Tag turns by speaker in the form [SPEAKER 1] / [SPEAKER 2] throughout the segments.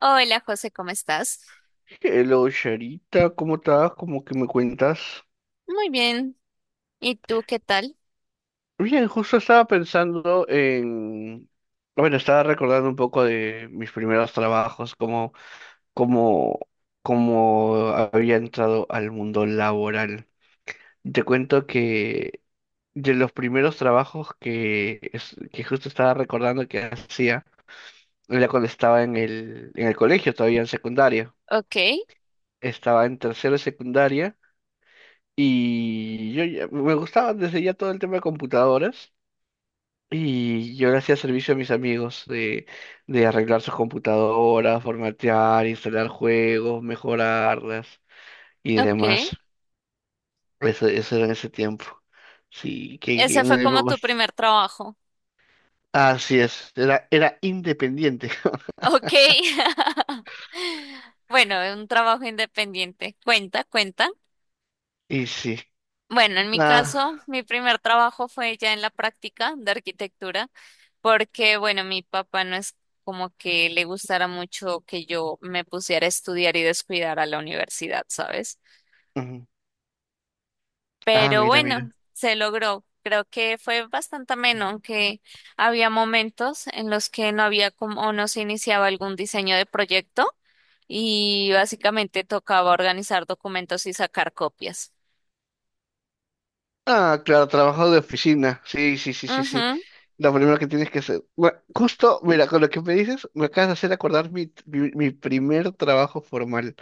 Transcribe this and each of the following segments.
[SPEAKER 1] Hola José, ¿cómo estás?
[SPEAKER 2] Hello, Charita, ¿cómo estás? ¿Cómo que me cuentas?
[SPEAKER 1] Muy bien. ¿Y tú qué tal?
[SPEAKER 2] Bien, justo estaba pensando en... Bueno, estaba recordando un poco de mis primeros trabajos, cómo, cómo había entrado al mundo laboral. Te cuento que de los primeros trabajos que, que justo estaba recordando que hacía, era cuando estaba en el colegio, todavía en secundaria.
[SPEAKER 1] Ok,
[SPEAKER 2] Estaba en tercero de secundaria. Me gustaba desde ya todo el tema de computadoras. Y yo le hacía servicio a mis amigos de arreglar sus computadoras, formatear, instalar juegos, mejorarlas y
[SPEAKER 1] ok.
[SPEAKER 2] demás. Eso era en ese tiempo. Sí, que
[SPEAKER 1] Ese
[SPEAKER 2] no
[SPEAKER 1] fue
[SPEAKER 2] le
[SPEAKER 1] como tu
[SPEAKER 2] vamos-
[SPEAKER 1] primer trabajo.
[SPEAKER 2] así es, era independiente.
[SPEAKER 1] Ok. Bueno, un trabajo independiente. Cuenta, cuenta.
[SPEAKER 2] Y sí,
[SPEAKER 1] Bueno, en mi
[SPEAKER 2] nada.
[SPEAKER 1] caso, mi primer trabajo fue ya en la práctica de arquitectura, porque bueno, mi papá no es como que le gustara mucho que yo me pusiera a estudiar y descuidar a la universidad, ¿sabes?
[SPEAKER 2] Ujú. Ah,
[SPEAKER 1] Pero
[SPEAKER 2] mira, mira.
[SPEAKER 1] bueno, se logró. Creo que fue bastante ameno, aunque había momentos en los que no había como o no se iniciaba algún diseño de proyecto y básicamente tocaba organizar documentos y sacar copias.
[SPEAKER 2] Ah, claro, trabajo de oficina. Sí, sí, sí, sí, sí.
[SPEAKER 1] Ujú,
[SPEAKER 2] Lo primero que tienes que hacer. Bueno, justo, mira, con lo que me dices, me acabas de hacer acordar mi primer trabajo formal.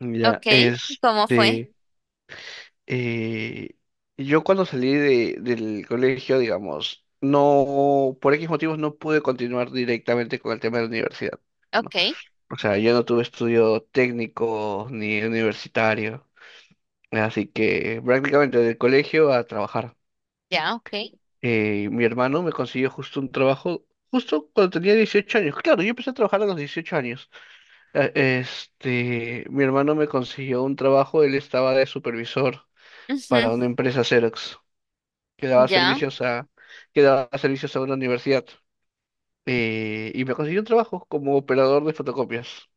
[SPEAKER 2] Ya,
[SPEAKER 1] ok, ¿cómo fue?
[SPEAKER 2] eh, yo cuando salí del colegio, digamos, no, por X motivos no pude continuar directamente con el tema de la universidad, ¿no?
[SPEAKER 1] Ok,
[SPEAKER 2] O sea, yo no tuve estudio técnico ni universitario, así que prácticamente del colegio a trabajar.
[SPEAKER 1] ya, ok.
[SPEAKER 2] Mi hermano me consiguió justo un trabajo, justo cuando tenía 18 años. Claro, yo empecé a trabajar a los 18 años. Eh, Mi hermano me consiguió un trabajo, él estaba de supervisor para
[SPEAKER 1] Ujú,
[SPEAKER 2] una empresa Xerox, que daba
[SPEAKER 1] ya,
[SPEAKER 2] servicios a, que daba servicios a una universidad. Y me consiguió un trabajo como operador de fotocopias.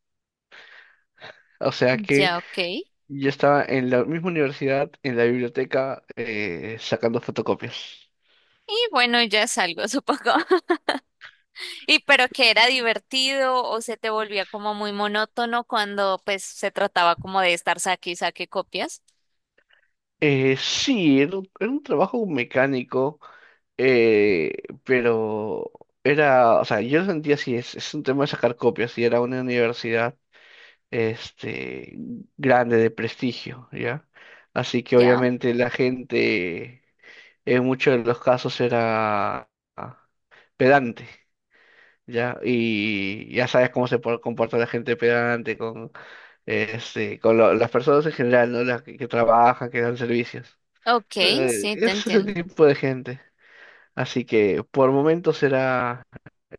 [SPEAKER 2] O sea que
[SPEAKER 1] ya, ok. Y
[SPEAKER 2] yo estaba en la misma universidad, en la biblioteca, sacando fotocopias.
[SPEAKER 1] bueno, ya es algo, supongo. Y pero que era divertido o se te volvía como muy monótono cuando pues se trataba como de estar saque y saque copias.
[SPEAKER 2] Sí, era era un trabajo mecánico. Eh, pero era, o sea, yo lo sentía así, es un tema de sacar copias y era una universidad este, grande, de prestigio, ¿ya? Así que
[SPEAKER 1] Ya,
[SPEAKER 2] obviamente la gente en muchos de los casos era ah, pedante, ¿ya? Y ya sabes cómo comporta la gente pedante con, con las personas en general, ¿no? Las que trabajan, que dan servicios.
[SPEAKER 1] ok, sí, te
[SPEAKER 2] Es ese
[SPEAKER 1] entiendo.
[SPEAKER 2] tipo de gente. Así que por momentos era...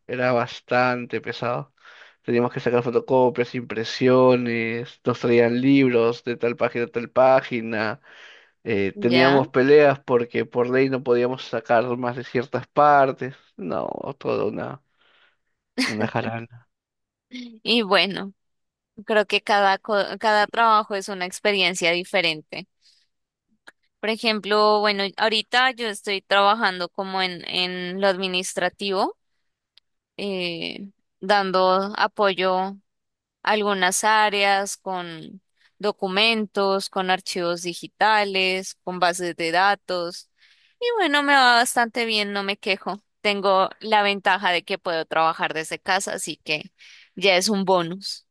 [SPEAKER 2] Era bastante pesado. Teníamos que sacar fotocopias, impresiones, nos traían libros de tal página a tal página.
[SPEAKER 1] Ya.
[SPEAKER 2] Teníamos peleas porque por ley no podíamos sacar más de ciertas partes. No, toda una jarana.
[SPEAKER 1] Y bueno, creo que cada trabajo es una experiencia diferente. Por ejemplo, bueno, ahorita yo estoy trabajando como en lo administrativo, eh, dando apoyo. Algunas áreas con documentos, con archivos digitales, con bases de datos. Y bueno, me va bastante bien, no me quejo. Tengo la ventaja de que puedo trabajar desde casa, así que ya es un bonus.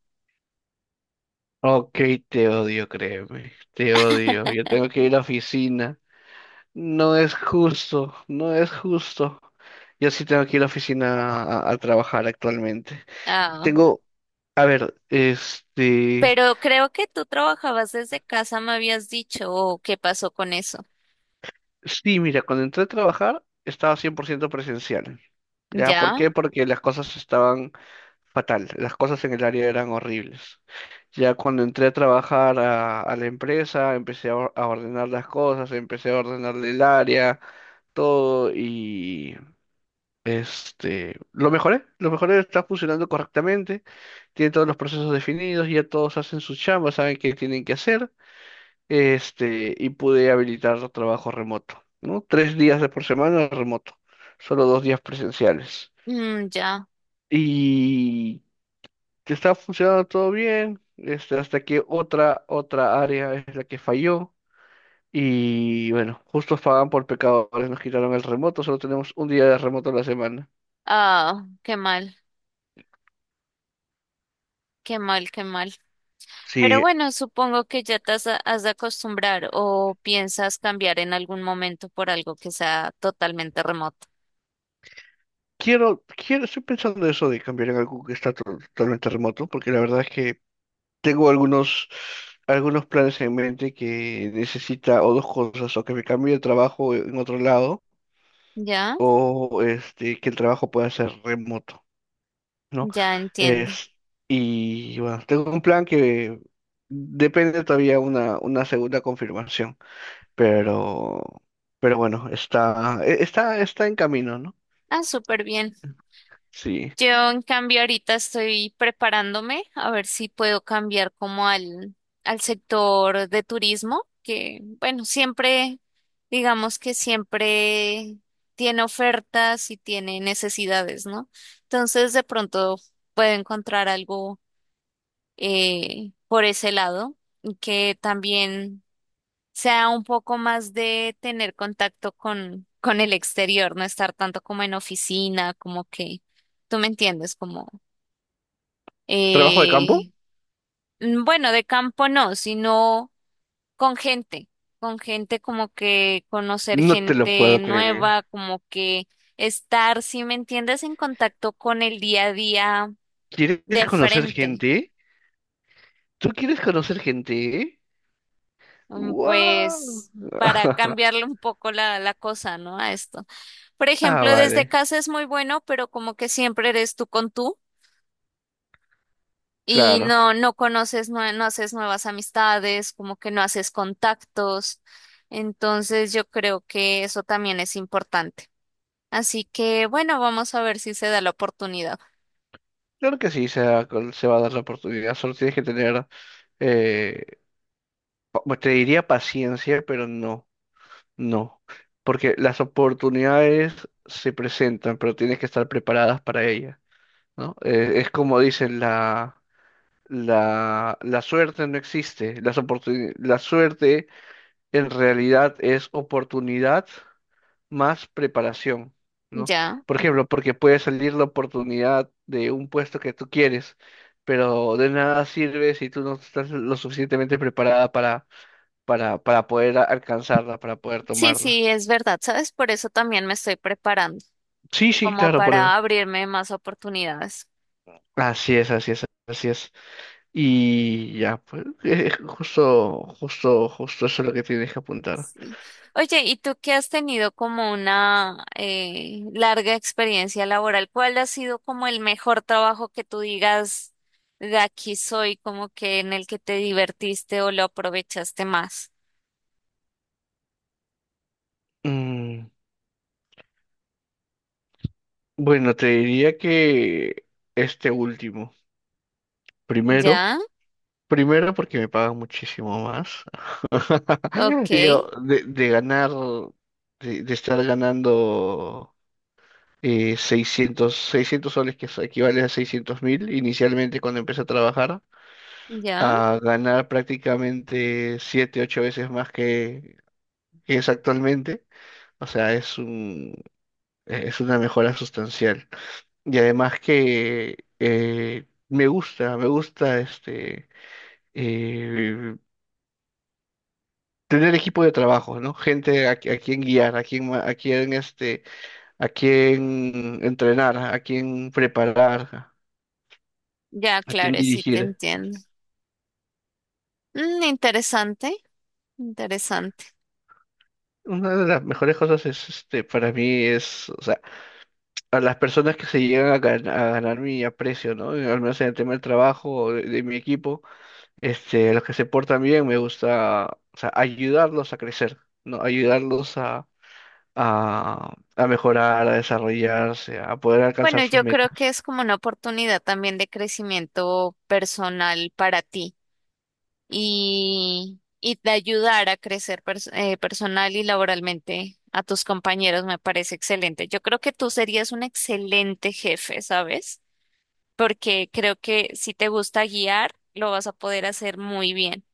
[SPEAKER 2] Ok, te odio, créeme. Te odio. Yo tengo que ir a la oficina. No es justo, no es justo. Yo sí tengo que ir a la oficina a trabajar actualmente.
[SPEAKER 1] Ah,
[SPEAKER 2] Tengo, a ver, este.
[SPEAKER 1] pero creo que tú trabajabas desde casa, me habías dicho, o qué pasó con eso.
[SPEAKER 2] Sí, mira, cuando entré a trabajar estaba 100% presencial. ¿Ya? ¿Por
[SPEAKER 1] ¿Ya?
[SPEAKER 2] qué? Porque las cosas estaban fatal, las cosas en el área eran horribles. Ya cuando entré a trabajar a la empresa, empecé a ordenar las cosas, empecé a ordenar el área, todo. Y lo mejoré, está funcionando correctamente, tiene todos los procesos definidos, ya todos hacen su chamba, saben qué tienen que hacer. Y pude habilitar trabajo remoto, ¿no? Tres días de por semana remoto, solo dos días presenciales.
[SPEAKER 1] Mm, ya.
[SPEAKER 2] Y que estaba funcionando todo bien, hasta que otra área es la que falló. Y bueno, justos pagan por pecadores, nos quitaron el remoto, solo tenemos un día de remoto a la semana.
[SPEAKER 1] Ah, qué mal, qué mal, qué mal. Pero
[SPEAKER 2] Sí,
[SPEAKER 1] bueno, supongo que ya te has de acostumbrar o piensas cambiar en algún momento por algo que sea totalmente remoto.
[SPEAKER 2] quiero, estoy pensando eso de cambiar en algo que totalmente remoto, porque la verdad es que tengo algunos planes en mente que necesita o dos cosas, o que me cambie de trabajo en otro lado,
[SPEAKER 1] ¿Ya?
[SPEAKER 2] o que el trabajo pueda ser remoto, ¿no?
[SPEAKER 1] Ya entiendo.
[SPEAKER 2] Es, y bueno, tengo un plan que depende todavía una segunda confirmación, pero, pero bueno, está, está, está en camino, ¿no?
[SPEAKER 1] Ah, súper bien.
[SPEAKER 2] Sí.
[SPEAKER 1] Yo, en cambio, ahorita estoy preparándome a ver si puedo cambiar como al sector de turismo, que bueno, siempre, digamos que siempre tiene ofertas y tiene necesidades, ¿no? Entonces, de pronto puedo encontrar algo por ese lado, y que también sea un poco más de tener contacto con el exterior, no estar tanto como en oficina, como que, tú me entiendes, como,
[SPEAKER 2] ¿Trabajo de campo?
[SPEAKER 1] eh, mm, bueno, de campo no, sino con gente, con gente como que conocer
[SPEAKER 2] No te lo
[SPEAKER 1] gente
[SPEAKER 2] puedo creer.
[SPEAKER 1] nueva, como que estar, si me entiendes, en contacto con el día a día
[SPEAKER 2] ¿Quieres
[SPEAKER 1] de
[SPEAKER 2] conocer
[SPEAKER 1] frente.
[SPEAKER 2] gente? ¿Tú quieres conocer gente?
[SPEAKER 1] Mm,
[SPEAKER 2] ¡Wow!
[SPEAKER 1] pues para cambiarle un poco la cosa, ¿no? A esto. Por
[SPEAKER 2] Ah,
[SPEAKER 1] ejemplo, desde
[SPEAKER 2] vale,
[SPEAKER 1] casa es muy bueno, pero como que siempre eres tú con tú y
[SPEAKER 2] claro.
[SPEAKER 1] no, no conoces, nue- no, haces nuevas amistades, como que no haces contactos. Entonces yo creo que eso también es importante. Así que bueno, vamos a ver si se da la oportunidad.
[SPEAKER 2] Claro que sí, se va, se va a dar la oportunidad. Solo tienes que tener, eh, pues te diría paciencia, pero no, no. Porque las oportunidades se presentan, pero tienes que estar preparadas para ellas, ¿no? Es como dicen, la suerte no existe. La suerte en realidad es oportunidad más preparación, ¿no?
[SPEAKER 1] Ya.
[SPEAKER 2] Por ejemplo, porque puede salir la oportunidad de un puesto que tú quieres, pero de nada sirve si tú no estás lo suficientemente preparada para poder alcanzarla, para poder
[SPEAKER 1] Sí,
[SPEAKER 2] tomarla.
[SPEAKER 1] sí, es verdad, ¿sabes? Por eso también me estoy preparando,
[SPEAKER 2] Sí, sí,
[SPEAKER 1] como
[SPEAKER 2] claro, por
[SPEAKER 1] para
[SPEAKER 2] eso.
[SPEAKER 1] abrirme más oportunidades.
[SPEAKER 2] Así es, así es, así es. Y ya, pues, justo, justo, justo eso es lo que tienes que apuntar.
[SPEAKER 1] Sí. Oye, ¿y tú que has tenido como una larga experiencia laboral? ¿Cuál ha sido como el mejor trabajo que tú digas de aquí soy, como que en el que te divertiste o lo aprovechaste más?
[SPEAKER 2] Mm, bueno, te diría que este último, primero.
[SPEAKER 1] Ya,
[SPEAKER 2] Primero porque me pagan muchísimo más.
[SPEAKER 1] ok,
[SPEAKER 2] Digo, de ganar, de estar ganando 600 600 soles, que eso equivale a 600,000 inicialmente cuando empecé a trabajar,
[SPEAKER 1] ya,
[SPEAKER 2] a ganar prácticamente 7 8 veces más que es actualmente. O sea, es un, es una mejora sustancial. Y además que me gusta eh, tener equipo de trabajo, ¿no? Gente a quien guiar, a quien, a quien, a quien entrenar, a quien preparar,
[SPEAKER 1] ya,
[SPEAKER 2] a quien
[SPEAKER 1] claro, sí te
[SPEAKER 2] dirigir.
[SPEAKER 1] entiendo. Mm, interesante, interesante.
[SPEAKER 2] Una de las mejores cosas es, para mí es, o sea, a las personas que se llegan a ganar mi aprecio, ¿no? Al menos en el tema del trabajo o de mi equipo, los que se portan bien, me gusta, o sea, ayudarlos a crecer, ¿no? Ayudarlos a mejorar, a desarrollarse, a poder alcanzar
[SPEAKER 1] Bueno,
[SPEAKER 2] sus
[SPEAKER 1] yo creo que
[SPEAKER 2] metas.
[SPEAKER 1] es como una oportunidad también de crecimiento personal para ti. Y, y te ayudar a crecer personal y laboralmente a tus compañeros me parece excelente. Yo creo que tú serías un excelente jefe, ¿sabes? Porque creo que si te gusta guiar, lo vas a poder hacer muy bien.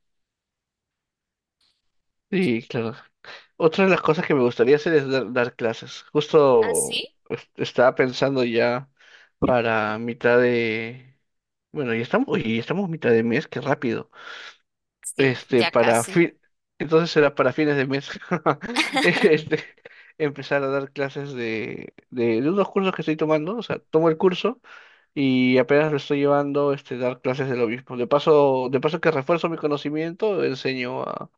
[SPEAKER 2] Sí, claro. Otra de las cosas que me gustaría hacer es dar clases.
[SPEAKER 1] ¿Ah,
[SPEAKER 2] Justo
[SPEAKER 1] sí?
[SPEAKER 2] estaba pensando ya para mitad de... Bueno, ya estamos, oye, ya estamos mitad de mes, qué rápido.
[SPEAKER 1] Sí, ya
[SPEAKER 2] Para
[SPEAKER 1] casi.
[SPEAKER 2] fin... Entonces será para fines de mes. Este, Empezar a dar clases de unos cursos que estoy tomando. O sea, tomo el curso y apenas lo estoy llevando, dar clases de lo mismo. De paso que refuerzo mi conocimiento, enseño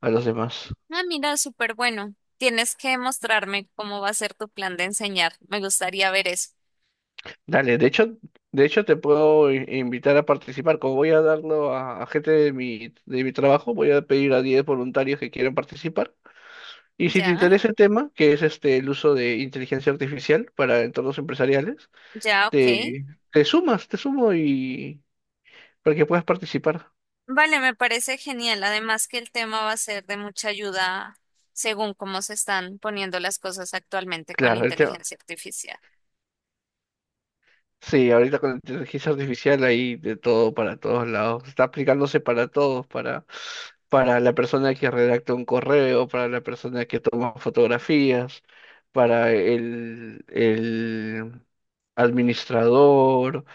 [SPEAKER 2] a los demás.
[SPEAKER 1] Ah, mira, súper bueno. Tienes que mostrarme cómo va a ser tu plan de enseñar. Me gustaría ver eso.
[SPEAKER 2] Dale, de hecho te puedo invitar a participar. Como voy a darlo a gente de de mi trabajo, voy a pedir a 10 voluntarios que quieran participar. Y si te
[SPEAKER 1] Ya,
[SPEAKER 2] interesa el tema, que es este el uso de inteligencia artificial para entornos empresariales,
[SPEAKER 1] ya, ok.
[SPEAKER 2] te, te sumas, te sumo y para que puedas participar.
[SPEAKER 1] Vale, me parece genial. Además que el tema va a ser de mucha ayuda según cómo se están poniendo las cosas actualmente con
[SPEAKER 2] Claro,
[SPEAKER 1] inteligencia artificial.
[SPEAKER 2] sí, ahorita con la inteligencia artificial hay de todo para todos lados. Está aplicándose para todos, para la persona que redacta un correo, para la persona que toma fotografías, para el administrador,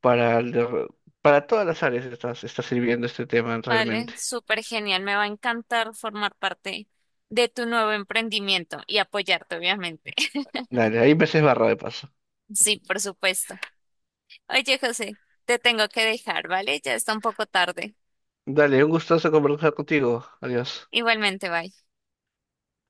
[SPEAKER 2] para, para todas las áreas está, está sirviendo este tema
[SPEAKER 1] Vale,
[SPEAKER 2] realmente.
[SPEAKER 1] súper genial. Me va a encantar formar parte de tu nuevo emprendimiento y apoyarte, obviamente.
[SPEAKER 2] Dale, ahí me barra de paso.
[SPEAKER 1] Sí, por supuesto. Oye, José, te tengo que dejar, ¿vale? Ya está un poco tarde.
[SPEAKER 2] Dale, un gustazo conversar contigo. Adiós.
[SPEAKER 1] Igualmente, bye.